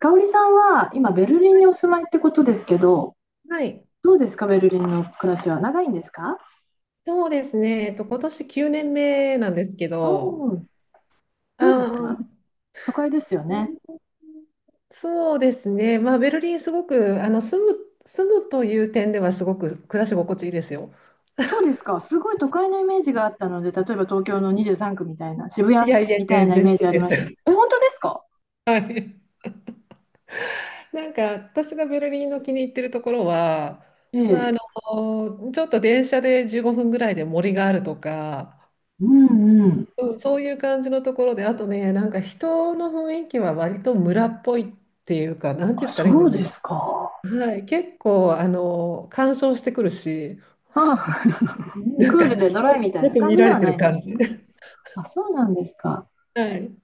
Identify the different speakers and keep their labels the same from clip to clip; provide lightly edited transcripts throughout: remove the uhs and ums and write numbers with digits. Speaker 1: 香織さんは今ベルリンにお住まいってことですけど、
Speaker 2: はい。
Speaker 1: どうですか、ベルリンの暮らしは長いんですか？
Speaker 2: そうですね。今年9年目なんですけ
Speaker 1: お
Speaker 2: ど、
Speaker 1: お。どうで
Speaker 2: あ
Speaker 1: す
Speaker 2: ー、
Speaker 1: か？ 都会ですよ
Speaker 2: そ
Speaker 1: ね。
Speaker 2: うそうですね。まあ、ベルリンすごく、住むという点ではすごく暮らし心地いいですよ。
Speaker 1: そうで すか、すごい都会のイメージがあったので、例えば東京の23区みたいな、渋
Speaker 2: い
Speaker 1: 谷
Speaker 2: やいやい
Speaker 1: み
Speaker 2: や、
Speaker 1: たい
Speaker 2: 全
Speaker 1: なイ
Speaker 2: 然
Speaker 1: メージあり
Speaker 2: で
Speaker 1: ましたけど、
Speaker 2: す。
Speaker 1: え、本当ですか？
Speaker 2: なんか私がベルリンの気に入ってるところは、
Speaker 1: え
Speaker 2: まあ、あ
Speaker 1: え。
Speaker 2: のちょっと電車で15分ぐらいで森があるとか、
Speaker 1: うんうん。
Speaker 2: うん、そういう感じのところで、あとね、なんか人の雰囲気は割と村っぽいっていうか、なんて
Speaker 1: あ、
Speaker 2: 言ったらいいんだ
Speaker 1: そうで
Speaker 2: ろ
Speaker 1: すか。
Speaker 2: う。はい、結構、干渉してくるし、
Speaker 1: あ、
Speaker 2: なん
Speaker 1: クー
Speaker 2: か、よ
Speaker 1: ルでドライ
Speaker 2: く
Speaker 1: みたい
Speaker 2: よ
Speaker 1: な
Speaker 2: く
Speaker 1: 感
Speaker 2: 見
Speaker 1: じ
Speaker 2: ら
Speaker 1: で
Speaker 2: れ
Speaker 1: は
Speaker 2: て
Speaker 1: な
Speaker 2: る
Speaker 1: いんで
Speaker 2: 感じ。
Speaker 1: すね。あ、そうなんですか。
Speaker 2: はい。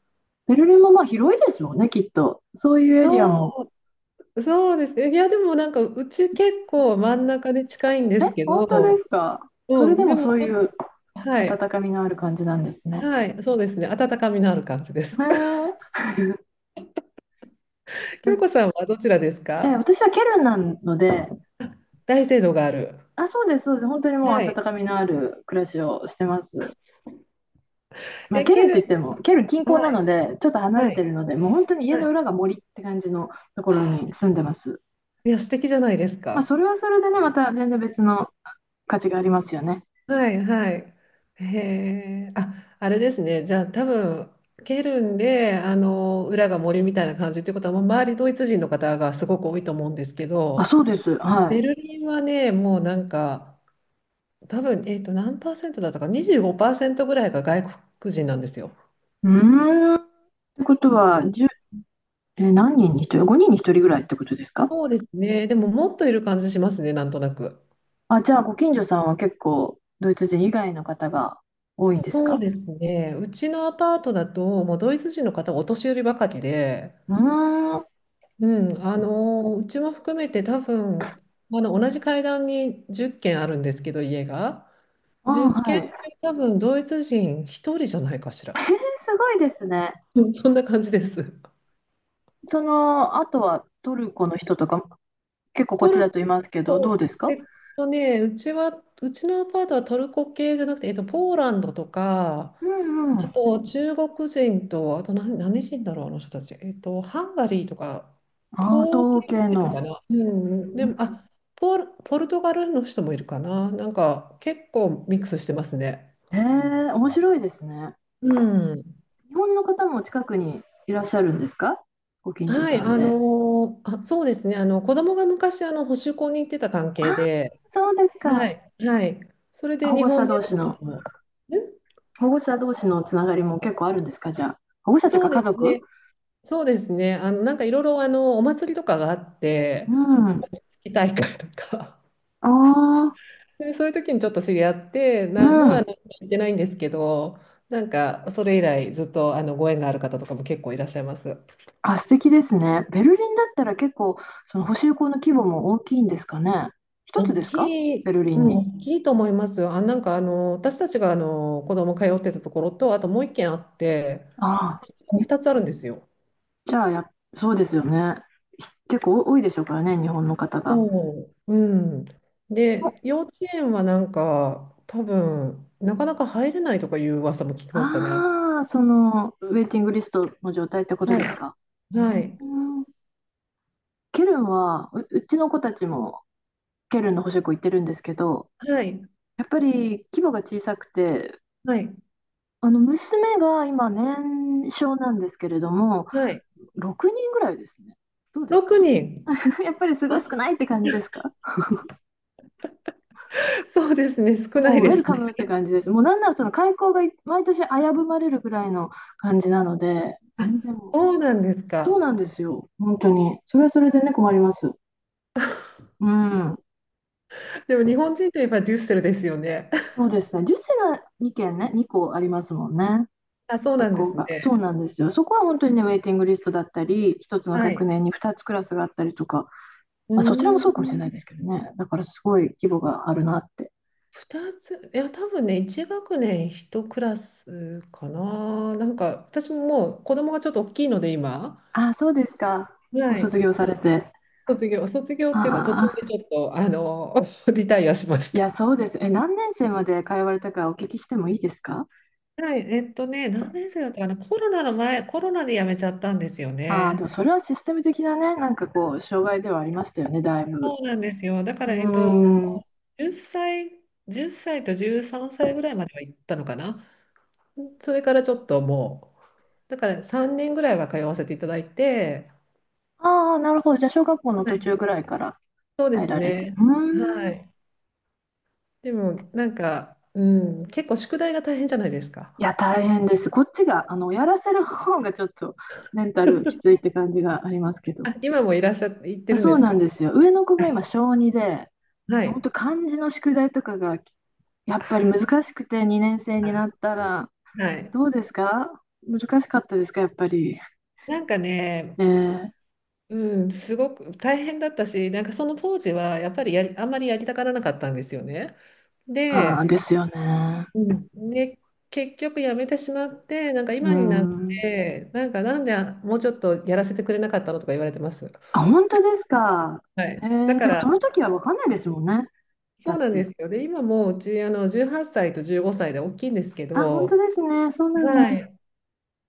Speaker 1: ベルリンもまあ広いですよね、きっと。そういうエリア
Speaker 2: そ
Speaker 1: も、
Speaker 2: う、そうですね。いや、でもなんか、うち結構真ん中で近いんで
Speaker 1: え、
Speaker 2: すけ
Speaker 1: 本当で
Speaker 2: ど、
Speaker 1: すか？それ
Speaker 2: う
Speaker 1: で
Speaker 2: ん、で
Speaker 1: も
Speaker 2: も、
Speaker 1: そ
Speaker 2: そ
Speaker 1: ういう
Speaker 2: はい、
Speaker 1: 温かみのある感じなんですね。
Speaker 2: はい、そうですね。温かみのある感じです。
Speaker 1: へ え。
Speaker 2: 京子さんはどちらです
Speaker 1: え、
Speaker 2: か？
Speaker 1: 私はケルンなので、
Speaker 2: 大聖堂がある。
Speaker 1: あ、そうです、そうです。本当にもう
Speaker 2: は
Speaker 1: 温
Speaker 2: い。
Speaker 1: かみのある暮らしをしてます。まあ、
Speaker 2: え、
Speaker 1: ケル
Speaker 2: ケ
Speaker 1: ン
Speaker 2: ル
Speaker 1: といっても、ケルン近
Speaker 2: ン、
Speaker 1: 郊
Speaker 2: は
Speaker 1: なの
Speaker 2: い、
Speaker 1: で、ちょっと離れ
Speaker 2: は
Speaker 1: て
Speaker 2: い。
Speaker 1: るので、もう本当に家
Speaker 2: は
Speaker 1: の裏
Speaker 2: い。
Speaker 1: が森って感じのところに住んでます。
Speaker 2: いや、素敵じゃないです
Speaker 1: まあ、そ
Speaker 2: か。
Speaker 1: れはそれでね、また全然別の価値がありますよね。
Speaker 2: はいはい。へえ。あ、あれですね。じゃあ多分、ケルンで、裏が森みたいな感じってことは、もう周りドイツ人の方がすごく多いと思うんですけ
Speaker 1: あ、
Speaker 2: ど、
Speaker 1: そうです。は
Speaker 2: ベ
Speaker 1: い。
Speaker 2: ルリンはね、もうなんか、多分、何パーセントだったか、25%ぐらいが外国人なんですよ。
Speaker 1: うーん。ってことは、1え、何人に1人？ 5 人に1人ぐらいってことですか？
Speaker 2: そうですね。でも、もっといる感じしますね、なんとなく。
Speaker 1: あ、じゃあ、ご近所さんは結構、ドイツ人以外の方が多いんです
Speaker 2: そう
Speaker 1: か？
Speaker 2: ですね。うちのアパートだと、もうドイツ人の方はお年寄りばかりで、
Speaker 1: うーん、あ、
Speaker 2: うん、うちも含めて多分同じ階段に10軒あるんですけど、家が10
Speaker 1: はい。
Speaker 2: 軒中多分ドイツ人1人じゃないかしら。
Speaker 1: すごいですね。
Speaker 2: うん。 そんな感じです。
Speaker 1: その、あとはトルコの人とか、結構こっ
Speaker 2: ト
Speaker 1: ちだと
Speaker 2: ル
Speaker 1: いますけど、どう
Speaker 2: コ
Speaker 1: ですか？
Speaker 2: うちのアパートはトルコ系じゃなくて、ポーランドとか、
Speaker 1: うんう
Speaker 2: あ
Speaker 1: ん。
Speaker 2: と、中国人と、あと何人だろう、あの人たち。ハンガリーとか、
Speaker 1: ああ、
Speaker 2: 東
Speaker 1: 東
Speaker 2: 京も
Speaker 1: 系
Speaker 2: いる
Speaker 1: の。
Speaker 2: かな。うん、でも、あ、ポルトガルの人もいるかな。なんか、結構ミックスしてますね。
Speaker 1: へえ、面白いですね。
Speaker 2: うん。
Speaker 1: 日本の方も近くにいらっしゃるんですか？ご近所
Speaker 2: は
Speaker 1: さ
Speaker 2: い、
Speaker 1: んで。
Speaker 2: そうですね。子供が昔、保守校に行ってた関
Speaker 1: あ
Speaker 2: 係
Speaker 1: あ、
Speaker 2: で、
Speaker 1: そうです
Speaker 2: は
Speaker 1: か。
Speaker 2: い、はい。それで
Speaker 1: 保
Speaker 2: 日
Speaker 1: 護
Speaker 2: 本
Speaker 1: 者
Speaker 2: 人
Speaker 1: 同
Speaker 2: の
Speaker 1: 士の、
Speaker 2: 方も。ん。
Speaker 1: 保護者同士のつながりも結構あるんですか、じゃあ。保護者という
Speaker 2: そ
Speaker 1: か
Speaker 2: う
Speaker 1: 家
Speaker 2: です
Speaker 1: 族。
Speaker 2: ね。そうですね。なんかいろいろ、お祭りとかがあって、
Speaker 1: うん。
Speaker 2: お祭り大会とか。
Speaker 1: ああ。
Speaker 2: で、そういう時にちょっと知り合って、
Speaker 1: う
Speaker 2: もう
Speaker 1: ん。
Speaker 2: 行ってないんですけど、なんか、それ以来ずっとあのご縁がある方とかも結構いらっしゃいます。
Speaker 1: あ、素敵ですね。ベルリンだったら結構、その補修校の規模も大きいんですかね。一つ
Speaker 2: 大
Speaker 1: ですか？
Speaker 2: き
Speaker 1: ベ
Speaker 2: い、
Speaker 1: ルリ
Speaker 2: う
Speaker 1: ン
Speaker 2: ん、
Speaker 1: に。
Speaker 2: 大きいと思いますよ。あ、私たちが子供通ってたところと、あともう一軒あって、
Speaker 1: ああ、み
Speaker 2: 2つあるんですよ。
Speaker 1: じゃあ、や、そうですよね。結構多いでしょうからね、日本の方が。
Speaker 2: そう。うん。
Speaker 1: お
Speaker 2: で、幼稚園はなんか、なかなか入れないとかいう噂も聞きましたね。あの
Speaker 1: ああ、ウェイティングリストの状態ってことで
Speaker 2: は
Speaker 1: す
Speaker 2: い。
Speaker 1: か。う
Speaker 2: はい。
Speaker 1: ん、ケルンは、うちの子たちもケルンの補習校行ってるんですけど、
Speaker 2: はい。
Speaker 1: やっぱり規模が小さくて、
Speaker 2: はい。
Speaker 1: あの娘が今年少なんですけれども、
Speaker 2: はい。
Speaker 1: 6人ぐらいですね。どうです
Speaker 2: 6
Speaker 1: か？
Speaker 2: 人。ろくにん。
Speaker 1: やっぱりすごい少
Speaker 2: あ、
Speaker 1: ないって感じですか？
Speaker 2: そうですね、少ない
Speaker 1: もうウ
Speaker 2: で
Speaker 1: ェル
Speaker 2: す
Speaker 1: カ
Speaker 2: ね。
Speaker 1: ムって感じです。もうなんならその開校が毎年危ぶまれるぐらいの感じなので、
Speaker 2: あ、
Speaker 1: 全然もう、
Speaker 2: そうなんです
Speaker 1: そう
Speaker 2: か。
Speaker 1: なんですよ、本当に。それはそれでね、困ります。うん、
Speaker 2: でも日本人といえばデュッセルですよね。
Speaker 1: そうですね。ジュセラは2件ね、2校ありますもんね、
Speaker 2: あ、そうな
Speaker 1: 学
Speaker 2: んで
Speaker 1: 校
Speaker 2: すね。
Speaker 1: が。そうなんですよ。そこは本当にね、ウェイティングリストだったり、1つの
Speaker 2: は
Speaker 1: 学
Speaker 2: い。
Speaker 1: 年に2つクラスがあったりとか、
Speaker 2: う
Speaker 1: まあ、そちらも
Speaker 2: ー
Speaker 1: そうかもしれないです
Speaker 2: ん、
Speaker 1: けどね、だからすごい規模があるなって。
Speaker 2: 2つ、いや、多分ね、1学年1クラスかな。なんか、私ももう子供がちょっと大きいので、今、
Speaker 1: あ、そうですか。ご
Speaker 2: はい、
Speaker 1: 卒業されて。
Speaker 2: 卒業
Speaker 1: あ
Speaker 2: っていうか、途中でち
Speaker 1: あ、
Speaker 2: ょっと、リタイアしまし
Speaker 1: い
Speaker 2: た。
Speaker 1: や、そうです。え、何年生まで通われたかお聞きしてもいいですか？
Speaker 2: はい、何年生だったかな、コロナの前、コロナで辞めちゃったんですよ
Speaker 1: ああ、でも
Speaker 2: ね。
Speaker 1: それはシステム的なね、なんかこう、障害ではありましたよね、だいぶ。
Speaker 2: そうなんですよ。だか
Speaker 1: う
Speaker 2: ら、
Speaker 1: ーん。
Speaker 2: 10歳、1歳と13歳ぐらいまでは行ったのかな。それからちょっともう、だから3年ぐらいは通わせていただいて、
Speaker 1: ああ、なるほど。じゃあ、小学校の
Speaker 2: は
Speaker 1: 途
Speaker 2: い。
Speaker 1: 中ぐらいから入られて。う
Speaker 2: は
Speaker 1: ーん。
Speaker 2: い。でも、なんか、うん、結構宿題が大変じゃないですか。
Speaker 1: いや、大変です。こっちが、やらせる方がちょっとメンタルきついって感じがありますけど。
Speaker 2: あ、今もいらっしゃって、行ってるん
Speaker 1: そ
Speaker 2: で
Speaker 1: う
Speaker 2: す
Speaker 1: な
Speaker 2: か？
Speaker 1: んですよ。上の子が今、小2で、
Speaker 2: は
Speaker 1: 本
Speaker 2: い。
Speaker 1: 当漢字の宿題とかがやっぱり難しくて2年生に
Speaker 2: あ
Speaker 1: なったら、
Speaker 2: はい。
Speaker 1: どうですか？難しかったですかやっぱり。
Speaker 2: なんかね、
Speaker 1: ええ。
Speaker 2: うん、すごく大変だったし、なんかその当時はやっぱりあんまりやりたがらなかったんですよね。
Speaker 1: ああ、
Speaker 2: で、
Speaker 1: ですよね。
Speaker 2: うん、で結局やめてしまって、なんか
Speaker 1: う
Speaker 2: 今になっ
Speaker 1: ん。
Speaker 2: てなんか、なんであもうちょっとやらせてくれなかったのとか言われてます。
Speaker 1: あ、本当ですか。
Speaker 2: は
Speaker 1: え
Speaker 2: い、だ
Speaker 1: え、
Speaker 2: か
Speaker 1: でもそ
Speaker 2: ら、
Speaker 1: の時は分かんないですもんね。だ
Speaker 2: そう
Speaker 1: っ
Speaker 2: なんで
Speaker 1: て。
Speaker 2: すよ。で今もううちあの18歳と15歳で大きいんですけ
Speaker 1: あ、本当
Speaker 2: ど、
Speaker 1: ですね。そうなんだ。
Speaker 2: はい、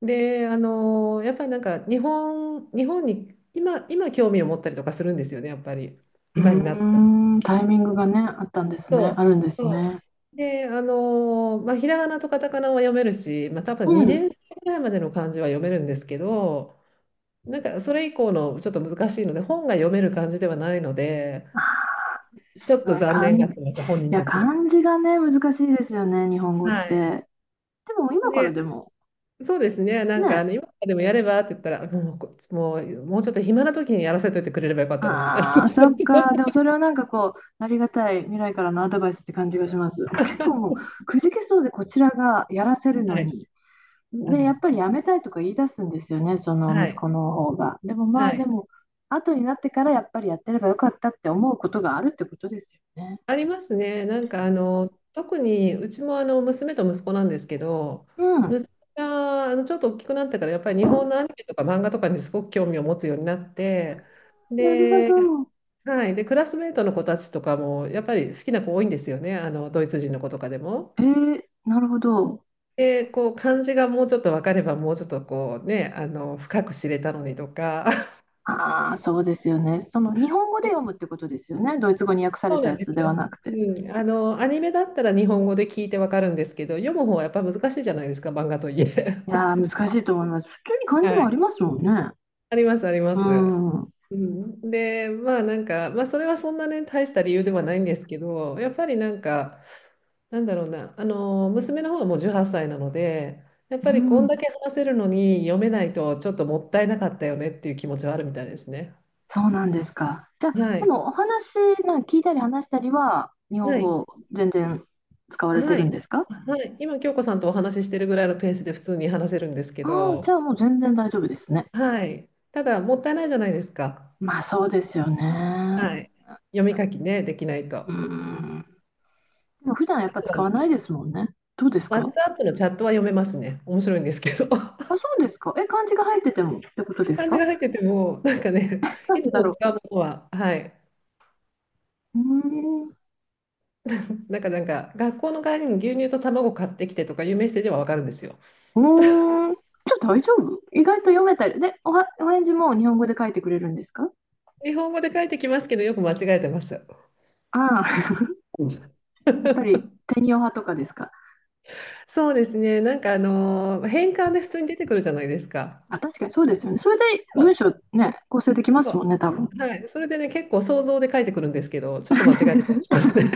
Speaker 2: であのやっぱりなんか日本に今興味を持ったりとかするんですよね、やっぱり
Speaker 1: う
Speaker 2: 今になって。
Speaker 1: ーん、タイミングがね、あったんです
Speaker 2: そ
Speaker 1: ね。あ
Speaker 2: う
Speaker 1: るんです
Speaker 2: そ
Speaker 1: ね。
Speaker 2: うで、あのまあ、ひらがなとカタカナは読めるし、まあ、多分
Speaker 1: うん。
Speaker 2: 2年生ぐらいまでの漢字は読めるんですけど、なんかそれ以降のちょっと難しいので、本が読める感じではないので、
Speaker 1: あ
Speaker 2: ちょっと
Speaker 1: あ、
Speaker 2: 残念が
Speaker 1: い
Speaker 2: ってます、本人
Speaker 1: や、
Speaker 2: たちが。
Speaker 1: 漢字がね、難しいですよね、日本語っ
Speaker 2: はい。
Speaker 1: て。でも今からで
Speaker 2: で、
Speaker 1: も、
Speaker 2: そうですね、
Speaker 1: ね、
Speaker 2: 今からでもやればって言ったら、もうこ、もう、もうちょっと暇な時にやらせといてくれればよかったのにみたいな
Speaker 1: あ
Speaker 2: 感
Speaker 1: あ、
Speaker 2: じにな
Speaker 1: そっ
Speaker 2: ります。
Speaker 1: か。でもそれはなんかこう、ありがたい未来からのアドバイスって感じがします。結構もう、くじけそうでこちらがやらせるの
Speaker 2: はい。
Speaker 1: に。
Speaker 2: あ
Speaker 1: で、や
Speaker 2: の
Speaker 1: っぱりやめたいとか言い出すんですよね、その
Speaker 2: は
Speaker 1: 息
Speaker 2: い。
Speaker 1: 子の方が。でもまあ、
Speaker 2: は
Speaker 1: で
Speaker 2: い。
Speaker 1: も、後になってからやっぱりやってればよかったって思うことがあるってことですよね。
Speaker 2: ありますね。
Speaker 1: うん。
Speaker 2: 特にうちもあの娘と息子なんですけど、
Speaker 1: うん。あ
Speaker 2: 息子があのちょっと大きくなってからやっぱり日本のアニメとか漫画とかにすごく興味を持つようになって、
Speaker 1: ー、なるほ
Speaker 2: で、
Speaker 1: ど。
Speaker 2: はい。で、クラスメートの子たちとかも、やっぱり好きな子多いんですよね。ドイツ人の子とかでも。
Speaker 1: なるほど。
Speaker 2: で、こう、漢字がもうちょっと分かれば、もうちょっとこうね、深く知れたのにとか。
Speaker 1: ああ、そうですよね。その日本語で読むっ てことですよね。ドイツ語に訳され
Speaker 2: そう
Speaker 1: た
Speaker 2: な
Speaker 1: や
Speaker 2: んです
Speaker 1: つでは
Speaker 2: よ。
Speaker 1: なく
Speaker 2: う
Speaker 1: て。
Speaker 2: ん。あの、アニメだったら日本語で聞いて分かるんですけど、読む方はやっぱ難しいじゃないですか、漫画といえ。
Speaker 1: いや ー、難しいと思います。普通に漢字
Speaker 2: は
Speaker 1: もあり
Speaker 2: い。
Speaker 1: ますもんね。
Speaker 2: あります、ありま
Speaker 1: う
Speaker 2: す。
Speaker 1: ん。うん。
Speaker 2: うん、で、まあなんか、まあそれはそんなね、大した理由ではないんですけど、やっぱりなんか、なんだろうな、あの、娘の方がもう18歳なので、やっぱりこんだけ話せるのに読めないとちょっともったいなかったよねっていう気持ちはあるみたいですね。
Speaker 1: そうなんですか。じゃあ、
Speaker 2: は
Speaker 1: で
Speaker 2: い。
Speaker 1: もお話、なんか聞いたり話したりは、日本
Speaker 2: はい。
Speaker 1: 語全然使われて
Speaker 2: は
Speaker 1: るん
Speaker 2: い。
Speaker 1: ですか？
Speaker 2: はい。今、京子さんとお話ししてるぐらいのペースで普通に話せるんですけ
Speaker 1: ああー、
Speaker 2: ど、
Speaker 1: じゃあもう全然大丈夫ですね。
Speaker 2: はい。ただ、もったいないじゃないですか。
Speaker 1: まあそうですよね。
Speaker 2: はい。読み書きね、できないと。
Speaker 1: う
Speaker 2: あ
Speaker 1: ん。でも普段やっぱ
Speaker 2: とは
Speaker 1: 使
Speaker 2: ね、
Speaker 1: わないですもんね。どうですか？
Speaker 2: WhatsApp のチャットは読めますね。面白いんですけど。
Speaker 1: あ、そ うですか。え、漢字が入っててもってことです
Speaker 2: 漢字
Speaker 1: か？
Speaker 2: が入ってても、なんかね、
Speaker 1: な
Speaker 2: い
Speaker 1: ん
Speaker 2: つ
Speaker 1: でだ
Speaker 2: も
Speaker 1: ろ
Speaker 2: 使うものは、はい、
Speaker 1: う。うーん。
Speaker 2: なんか、学校の帰りに牛乳と卵買ってきてとかいうメッセージはわかるんですよ。
Speaker 1: うーん、じゃあ大丈夫意外と読めたり。で、お返事も日本語で書いてくれるんですか？
Speaker 2: 日本語で書いてきますけど、よく間違えてます。
Speaker 1: ああ、
Speaker 2: うん。
Speaker 1: やっぱり天用派とかですか？
Speaker 2: そうですね。なんか、変換で普通に出てくるじゃないですか。
Speaker 1: あ、確かにそうですよね。それで
Speaker 2: そ
Speaker 1: 文章ね、構成できますもんね、多分。
Speaker 2: うはい。それでね、結構想像で書いてくるんですけど、ちょっと間違えてたりしま すね。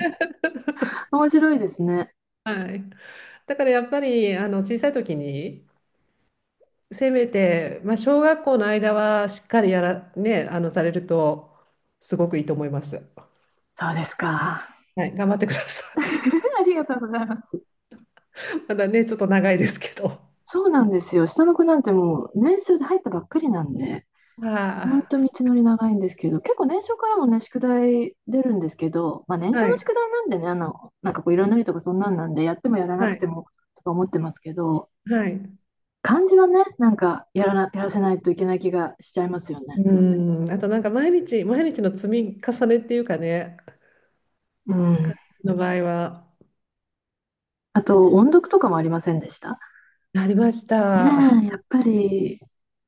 Speaker 1: 面白いですね。
Speaker 2: はい。だからやっぱり、小さい時に、せめて、まあ、小学校の間はしっかりやら、ね、あの、されると、すごくいいと思います。
Speaker 1: そうですか。
Speaker 2: はい。頑張ってください。
Speaker 1: ありがとうございます。
Speaker 2: まだね、ちょっと長いですけど。
Speaker 1: そうなんですよ。下の子なんてもう年少で入ったばっかりなんで、ほん
Speaker 2: ああ、
Speaker 1: と
Speaker 2: そ
Speaker 1: 道のり長いんですけど、結構年少からもね、宿題出るんですけど、まあ年
Speaker 2: は
Speaker 1: 少の
Speaker 2: い、
Speaker 1: 宿題なんでね、なんかこう色塗りとかそんなんなんで、やってもやらな
Speaker 2: は
Speaker 1: くて
Speaker 2: い、
Speaker 1: もとか思ってますけど、
Speaker 2: はい。
Speaker 1: 漢字はね、なんかやらせないといけない気がしちゃいますよね。
Speaker 2: うん、あとなんか毎日の積み重ねっていうかね、
Speaker 1: う
Speaker 2: 感
Speaker 1: ん。
Speaker 2: じの場合は、
Speaker 1: あと、音読とかもありませんでした
Speaker 2: ありまし
Speaker 1: ね
Speaker 2: た。
Speaker 1: え、やっぱり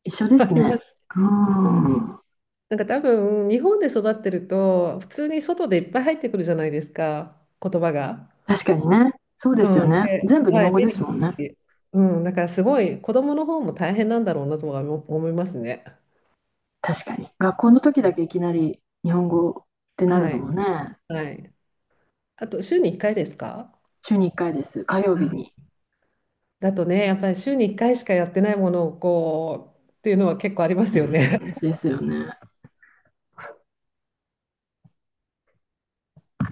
Speaker 1: 一緒で
Speaker 2: あ
Speaker 1: す
Speaker 2: りま
Speaker 1: ね。
Speaker 2: した。
Speaker 1: うん。
Speaker 2: なんか多分、日本で育ってると、普通に外でいっぱい入ってくるじゃないですか、言葉が。
Speaker 1: 確かにね。そうで
Speaker 2: う
Speaker 1: すよ
Speaker 2: ん、
Speaker 1: ね。
Speaker 2: で、
Speaker 1: 全部日
Speaker 2: は
Speaker 1: 本
Speaker 2: い、
Speaker 1: 語
Speaker 2: 目
Speaker 1: で
Speaker 2: に
Speaker 1: す
Speaker 2: し
Speaker 1: もん
Speaker 2: た
Speaker 1: ね。
Speaker 2: し、うん、だからすごい、子供の方も大変なんだろうなとは思いますね。
Speaker 1: 確かに。学校の時だけいきなり日本語ってなる
Speaker 2: は
Speaker 1: の
Speaker 2: い、
Speaker 1: もね。
Speaker 2: はい。あと、週に1回ですか？
Speaker 1: 週に1回です。火曜日
Speaker 2: あ、
Speaker 1: に。
Speaker 2: だとね、やっぱり週に1回しかやってないものをこうっていうのは結構ありま
Speaker 1: う
Speaker 2: すよね。
Speaker 1: んですよね。